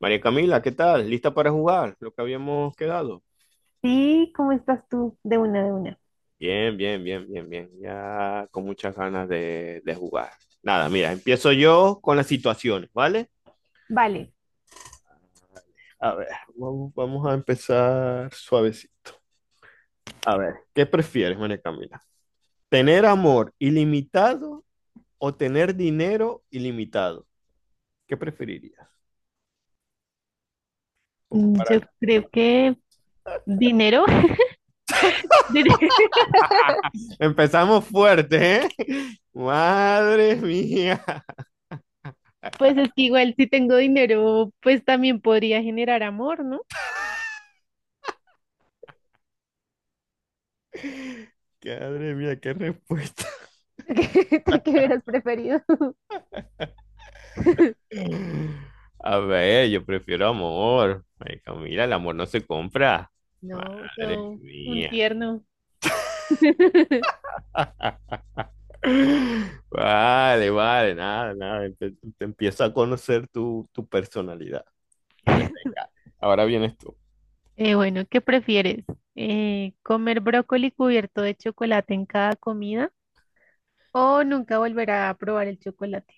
María Camila, ¿qué tal? ¿Lista para jugar? Lo que habíamos quedado. Sí, ¿cómo estás tú? De una, de una. Bien, bien, bien, bien, bien. Ya con muchas ganas de jugar. Nada, mira, empiezo yo con las situaciones, ¿vale? Vale. A ver, vamos a empezar suavecito. A ver, ¿qué prefieres, María Camila? ¿Tener amor ilimitado o tener dinero ilimitado? ¿Qué preferirías? Un poco para Yo acá. creo que dinero. Dire- Empezamos fuerte, ¿eh? Madre mía. pues es que igual si tengo dinero, pues también podría generar amor, ¿no? Madre mía, qué respuesta. ¿Qué hubieras preferido? A ver, yo prefiero amor. Ay, Camila, el amor no se compra. No, Madre no, un mía. tierno. Vale, vale, nada, nada. Te empiezo a conocer tu personalidad. Vale, venga. Ahora vienes tú. Bueno, ¿qué prefieres? ¿Comer brócoli cubierto de chocolate en cada comida o nunca volver a probar el chocolate?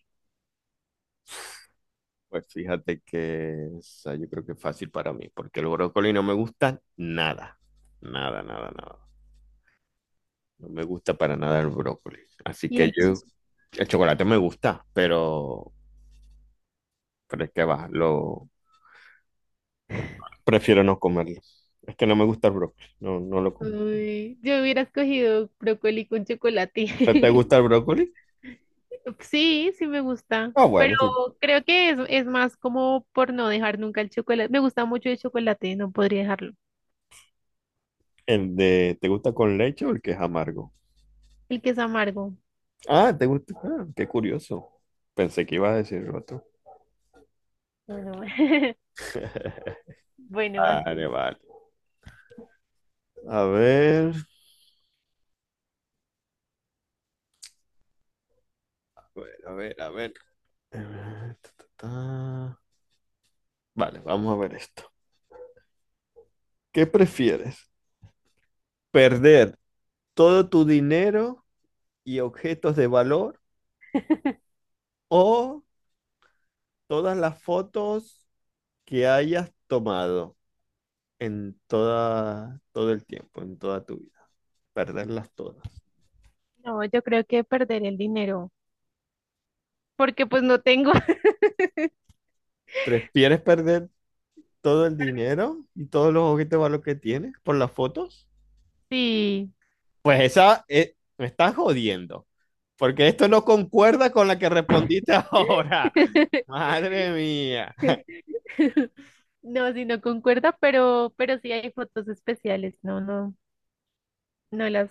Pues fíjate que esa yo creo que es fácil para mí, porque el brócoli no me gusta nada. Nada, nada, nada. No me gusta para nada el brócoli. Así Y que el yo, chi- el chocolate me gusta, pero es que va, prefiero no comerlo. Es que no me gusta el brócoli. No, no lo como. Uy, yo hubiera escogido brócoli con chocolate. ¿No ¿Te gusta el brócoli? Sí, sí me gusta, Ah, pero bueno, sí. creo que es más como por no dejar nunca el chocolate. Me gusta mucho el chocolate, no podría dejarlo. ¿Te gusta con leche o el que es amargo? El que es amargo. Ah, te gusta. Ah, qué curioso. Pensé que ibas a decir otro. No, no. Bueno, así. Vale, vale. A ver. A ver, a ver, a ver. Ta, ta, ta. Vale, vamos a ver esto. ¿Qué prefieres? ¿Perder todo tu dinero y objetos de valor, o todas las fotos que hayas tomado todo el tiempo, en toda tu vida? Perderlas todas. No, yo creo que perder el dinero, porque pues no tengo. ¿Prefieres perder todo el dinero y todos los objetos de valor que tienes por las fotos? Sí. Pues esa, me estás jodiendo, porque esto no concuerda con la que respondiste ahora. Madre mía. No, si no concuerda, pero sí hay fotos especiales. No, no, no las,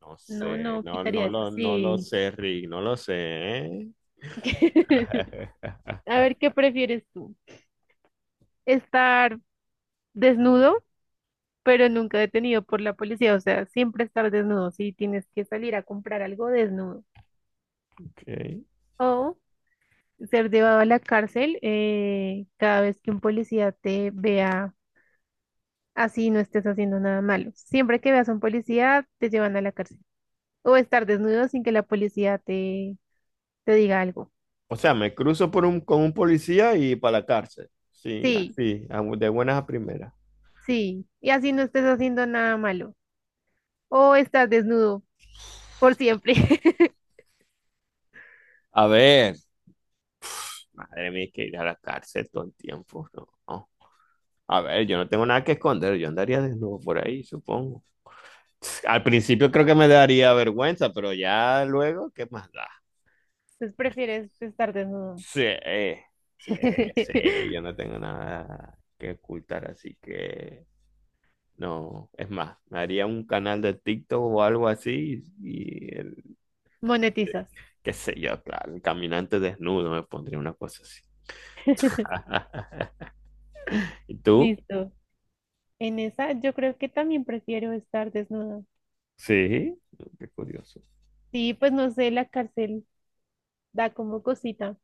No no, sé, no no, no quitaría eso. lo, no lo Sí. sé, Rick, no lo sé, ¿eh? A ver, ¿qué prefieres tú? ¿Estar desnudo, pero nunca detenido por la policía? O sea, siempre estar desnudo. Si tienes que salir a comprar algo desnudo, Ok. o ser llevado a la cárcel cada vez que un policía te vea, así no estés haciendo nada malo. Siempre que veas a un policía, te llevan a la cárcel. O estar desnudo sin que la policía te, te diga algo. O sea, me cruzo con un policía y para la cárcel. Sí, Sí, así, de buenas a primeras. sí. Y así no estés haciendo nada malo. O estar desnudo por siempre. A ver, madre mía, hay que ir a la cárcel todo el tiempo, no, no. A ver, yo no tengo nada que esconder, yo andaría desnudo por ahí, supongo. Al principio creo que me daría vergüenza, pero ya luego, ¿qué más da? Entonces prefieres estar desnudo. Sí, sí, sí, yo no tengo nada que ocultar, así que no, es más, me haría un canal de TikTok o algo así Monetizas. qué sé yo, claro, el caminante desnudo me pondría una cosa así. ¿Y tú? Listo. En esa yo creo que también prefiero estar desnuda. Sí, oh, qué curioso. Sí, pues no sé, la cárcel da como cosita.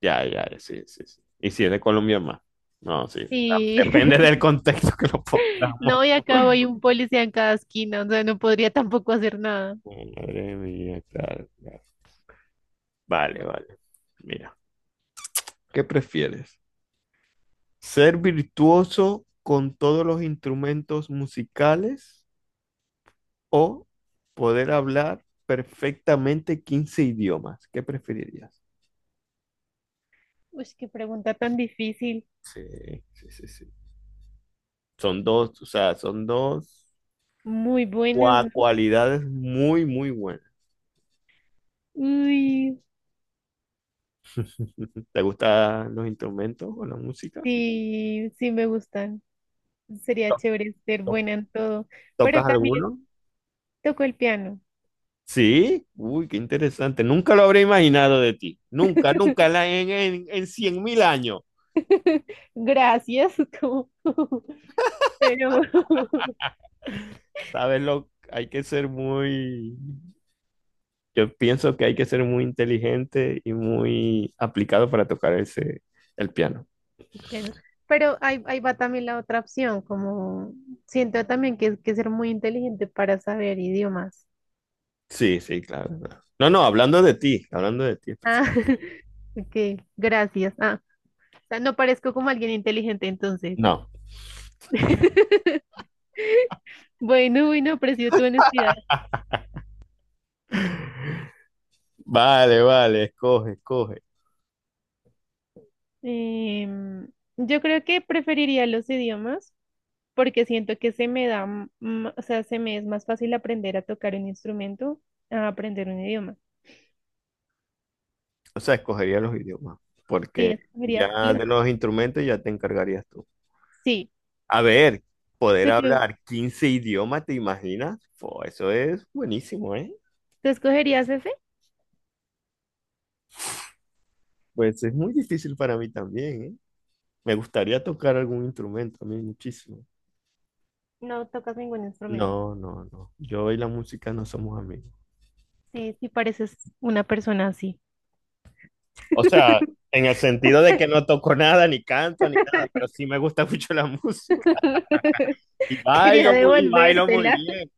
Ya, ya, ya, sí, sí, sí. Y si es de Colombia más. No, sí. Sí, Depende del contexto que lo pongamos. no, y acá voy un policía en cada esquina, o sea, no podría tampoco hacer nada. Madre mía, claro, claro. Vale, Bu- vale. Mira, ¿qué prefieres? ¿Ser virtuoso con todos los instrumentos musicales o poder hablar perfectamente 15 idiomas? ¿Qué preferirías? Uy, qué pregunta tan difícil. Sí, sí, sí, sí. Son dos, o sea, son dos Muy buenas, ¿no? cualidades muy, muy buenas. Uy, ¿Te gustan los instrumentos o la música? sí, sí me gustan. Sería ¿To- chévere ser to- buena en todo, pero ¿Tocas también alguno? toco el piano. Sí, uy, qué interesante. Nunca lo habría imaginado de ti. Nunca, nunca en, la- en cien mil años. Gracias. Pero Sabes lo, hay que ser muy, yo pienso que hay que ser muy inteligente y muy aplicado para tocar el piano. Pero, pero ahí va también la otra opción, como siento también que es que ser muy inteligente para saber idiomas. Sí, sí, claro, claro. No, no, hablando de ti, hablando de ti, Ah, ok, gracias. Ah, o sea, no parezco como alguien inteligente entonces. no. Bueno, bueno, aprecio tu honestidad. Vale, vale, escoge, escoge. Em, yo creo que preferiría los idiomas porque siento que se me da, m- m- o sea, se me es más fácil aprender a tocar un instrumento a aprender un idioma. O sea, escogería los idiomas, Sí, porque escogería ya los, de los instrumentos ya te encargarías tú. sí. A ver, poder ¿Tú qué- hablar 15 idiomas, ¿te imaginas? Fo, eso es buenísimo, ¿eh? tú escogerías ese? Pues es muy difícil para mí también, ¿eh? Me gustaría tocar algún instrumento a mí muchísimo. No tocas ningún instrumento. No, no, no. Yo y la música no somos amigos. Sí, sí pareces una persona así. O sea, en el sentido de que no toco nada, ni canto, ni nada, pero sí me gusta mucho la música. Y Quería bailo muy, y bailo muy devolvértela. bien.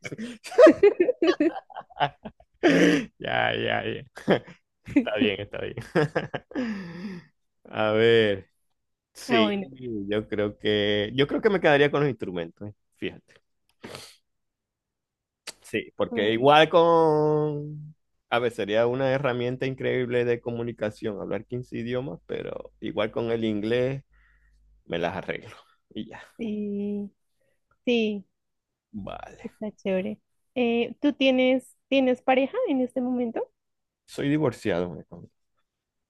Ya, ya, ya. Está bien, está bien. A ver, Ah, sí, bueno. yo creo que me quedaría con los instrumentos, ¿eh? Fíjate. Sí, porque Mm, igual con, a ver, sería una herramienta increíble de comunicación, hablar 15 idiomas, pero igual con el inglés me las arreglo y ya. Sí, sí, Vale. está chévere. Tienes pareja en este momento? Soy divorciado, me,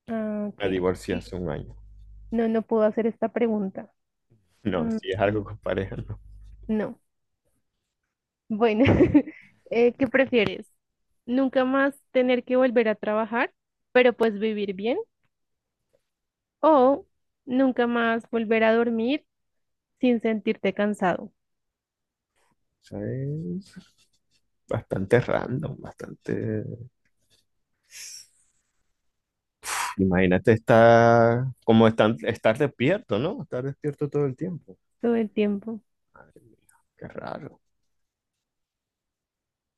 Ah, ok. me divorcié hace un año. No, no puedo hacer esta pregunta. No, Mm, si es mm, algo con pareja, no. O No. Bueno, ¿qué prefieres? ¿Nunca más tener que volver a trabajar, pero pues vivir bien? O nunca más volver a dormir sin sentirte cansado sea, es bastante random, bastante imagínate estar estar despierto, ¿no? Estar despierto todo el tiempo. todo el tiempo. Madre mía, qué raro.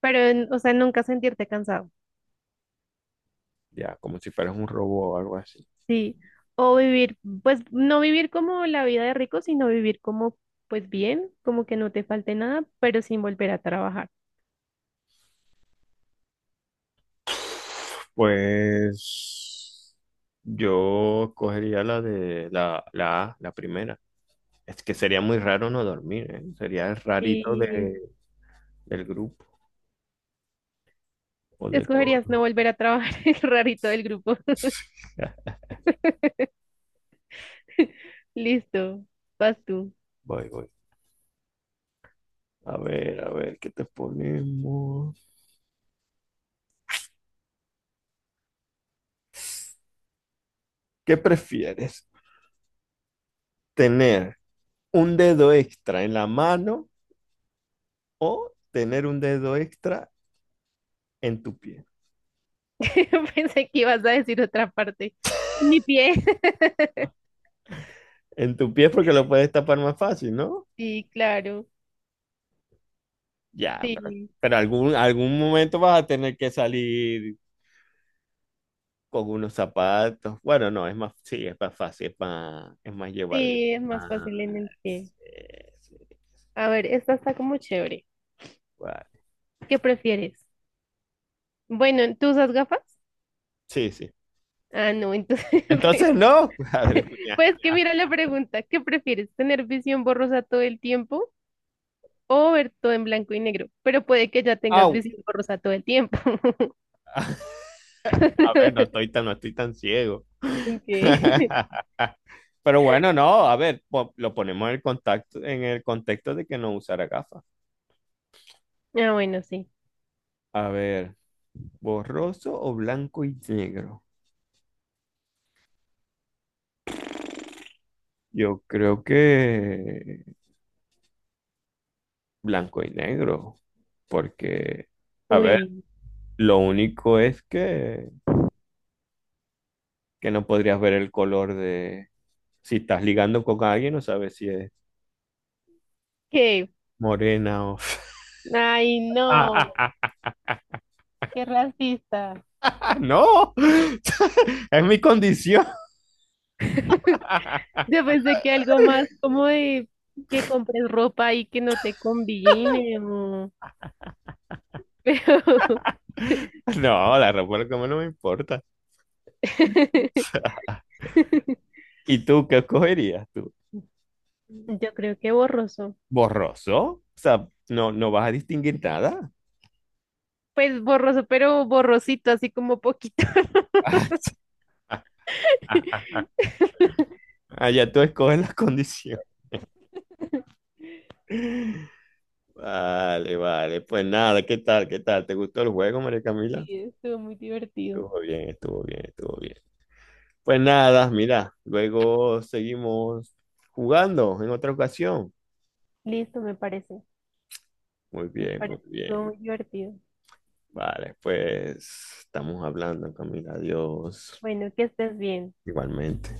Pero, o sea, nunca sentirte cansado. Ya, como si fueras un robot o algo así. Sí. O vivir, pues no vivir como la vida de rico, sino vivir como, pues bien, como que no te falte nada, pero sin volver a trabajar. Pues yo cogería la la A, la primera. Es que sería muy raro no dormir, ¿eh? Sería el rarito Y del grupo o de todo. escogerías no volver a trabajar, el rarito del grupo. Listo, vas tú. Voy, voy. A ver, ¿qué te ponemos? ¿Qué prefieres? ¿Tener un dedo extra en la mano o tener un dedo extra en tu pie? Pensé que ibas a decir otra parte. En mi pie. En tu pie, porque lo puedes tapar más fácil, ¿no? Sí, claro. Ya, pero, Sí, pero algún momento vas a tener que salir con unos zapatos. Bueno, no, es más, sí, es más fácil, es más llevadero. sí, es más Más, fácil en el pie. Sí, sí, A ver, esta está como chévere. guay. ¿Qué prefieres? Bueno, ¿tú usas gafas? Sí, sí. Ah, no, entonces, Entonces, no, pues, madre mía. pues que mira la pregunta, ¿qué prefieres? ¿Tener visión borrosa todo el tiempo o ver todo en blanco y negro? Pero puede que ya tengas Au. visión borrosa todo el tiempo. A ver, no estoy tan, no estoy tan ciego. Ok. Pero bueno, no, a ver, lo ponemos en el contexto de que no usara gafas. Ah, bueno, sí. A ver, borroso o blanco y negro. Yo creo que blanco y negro, porque, a ver, Uy, lo único es que no podrías ver el color de, si estás ligando con alguien, no sabes si es ¿qué? morena o Ay, no, qué racista. ah, no, es mi condición. Yo pensé que algo más como de que compres ropa y que no te combine, pero... No, la ropa como no me importa. ¿Y tú qué escogerías tú? Yo creo que borroso. ¿Borroso? O sea, no, no vas a distinguir nada. Pues borroso, pero borrosito, así como poquito. Ah, allá tú escoges las condiciones. Vale, vale. Pues nada, ¿qué tal? ¿Qué tal? ¿Te gustó el juego, María Sí, Camila? estuvo muy divertido. Estuvo bien, estuvo bien, estuvo bien. Pues nada, mira, luego seguimos jugando en otra ocasión. Listo, me parece. Muy Me bien, muy parece que estuvo bien. muy divertido. Vale, pues estamos hablando, Camila. Adiós. Bueno, que estés bien. Igualmente.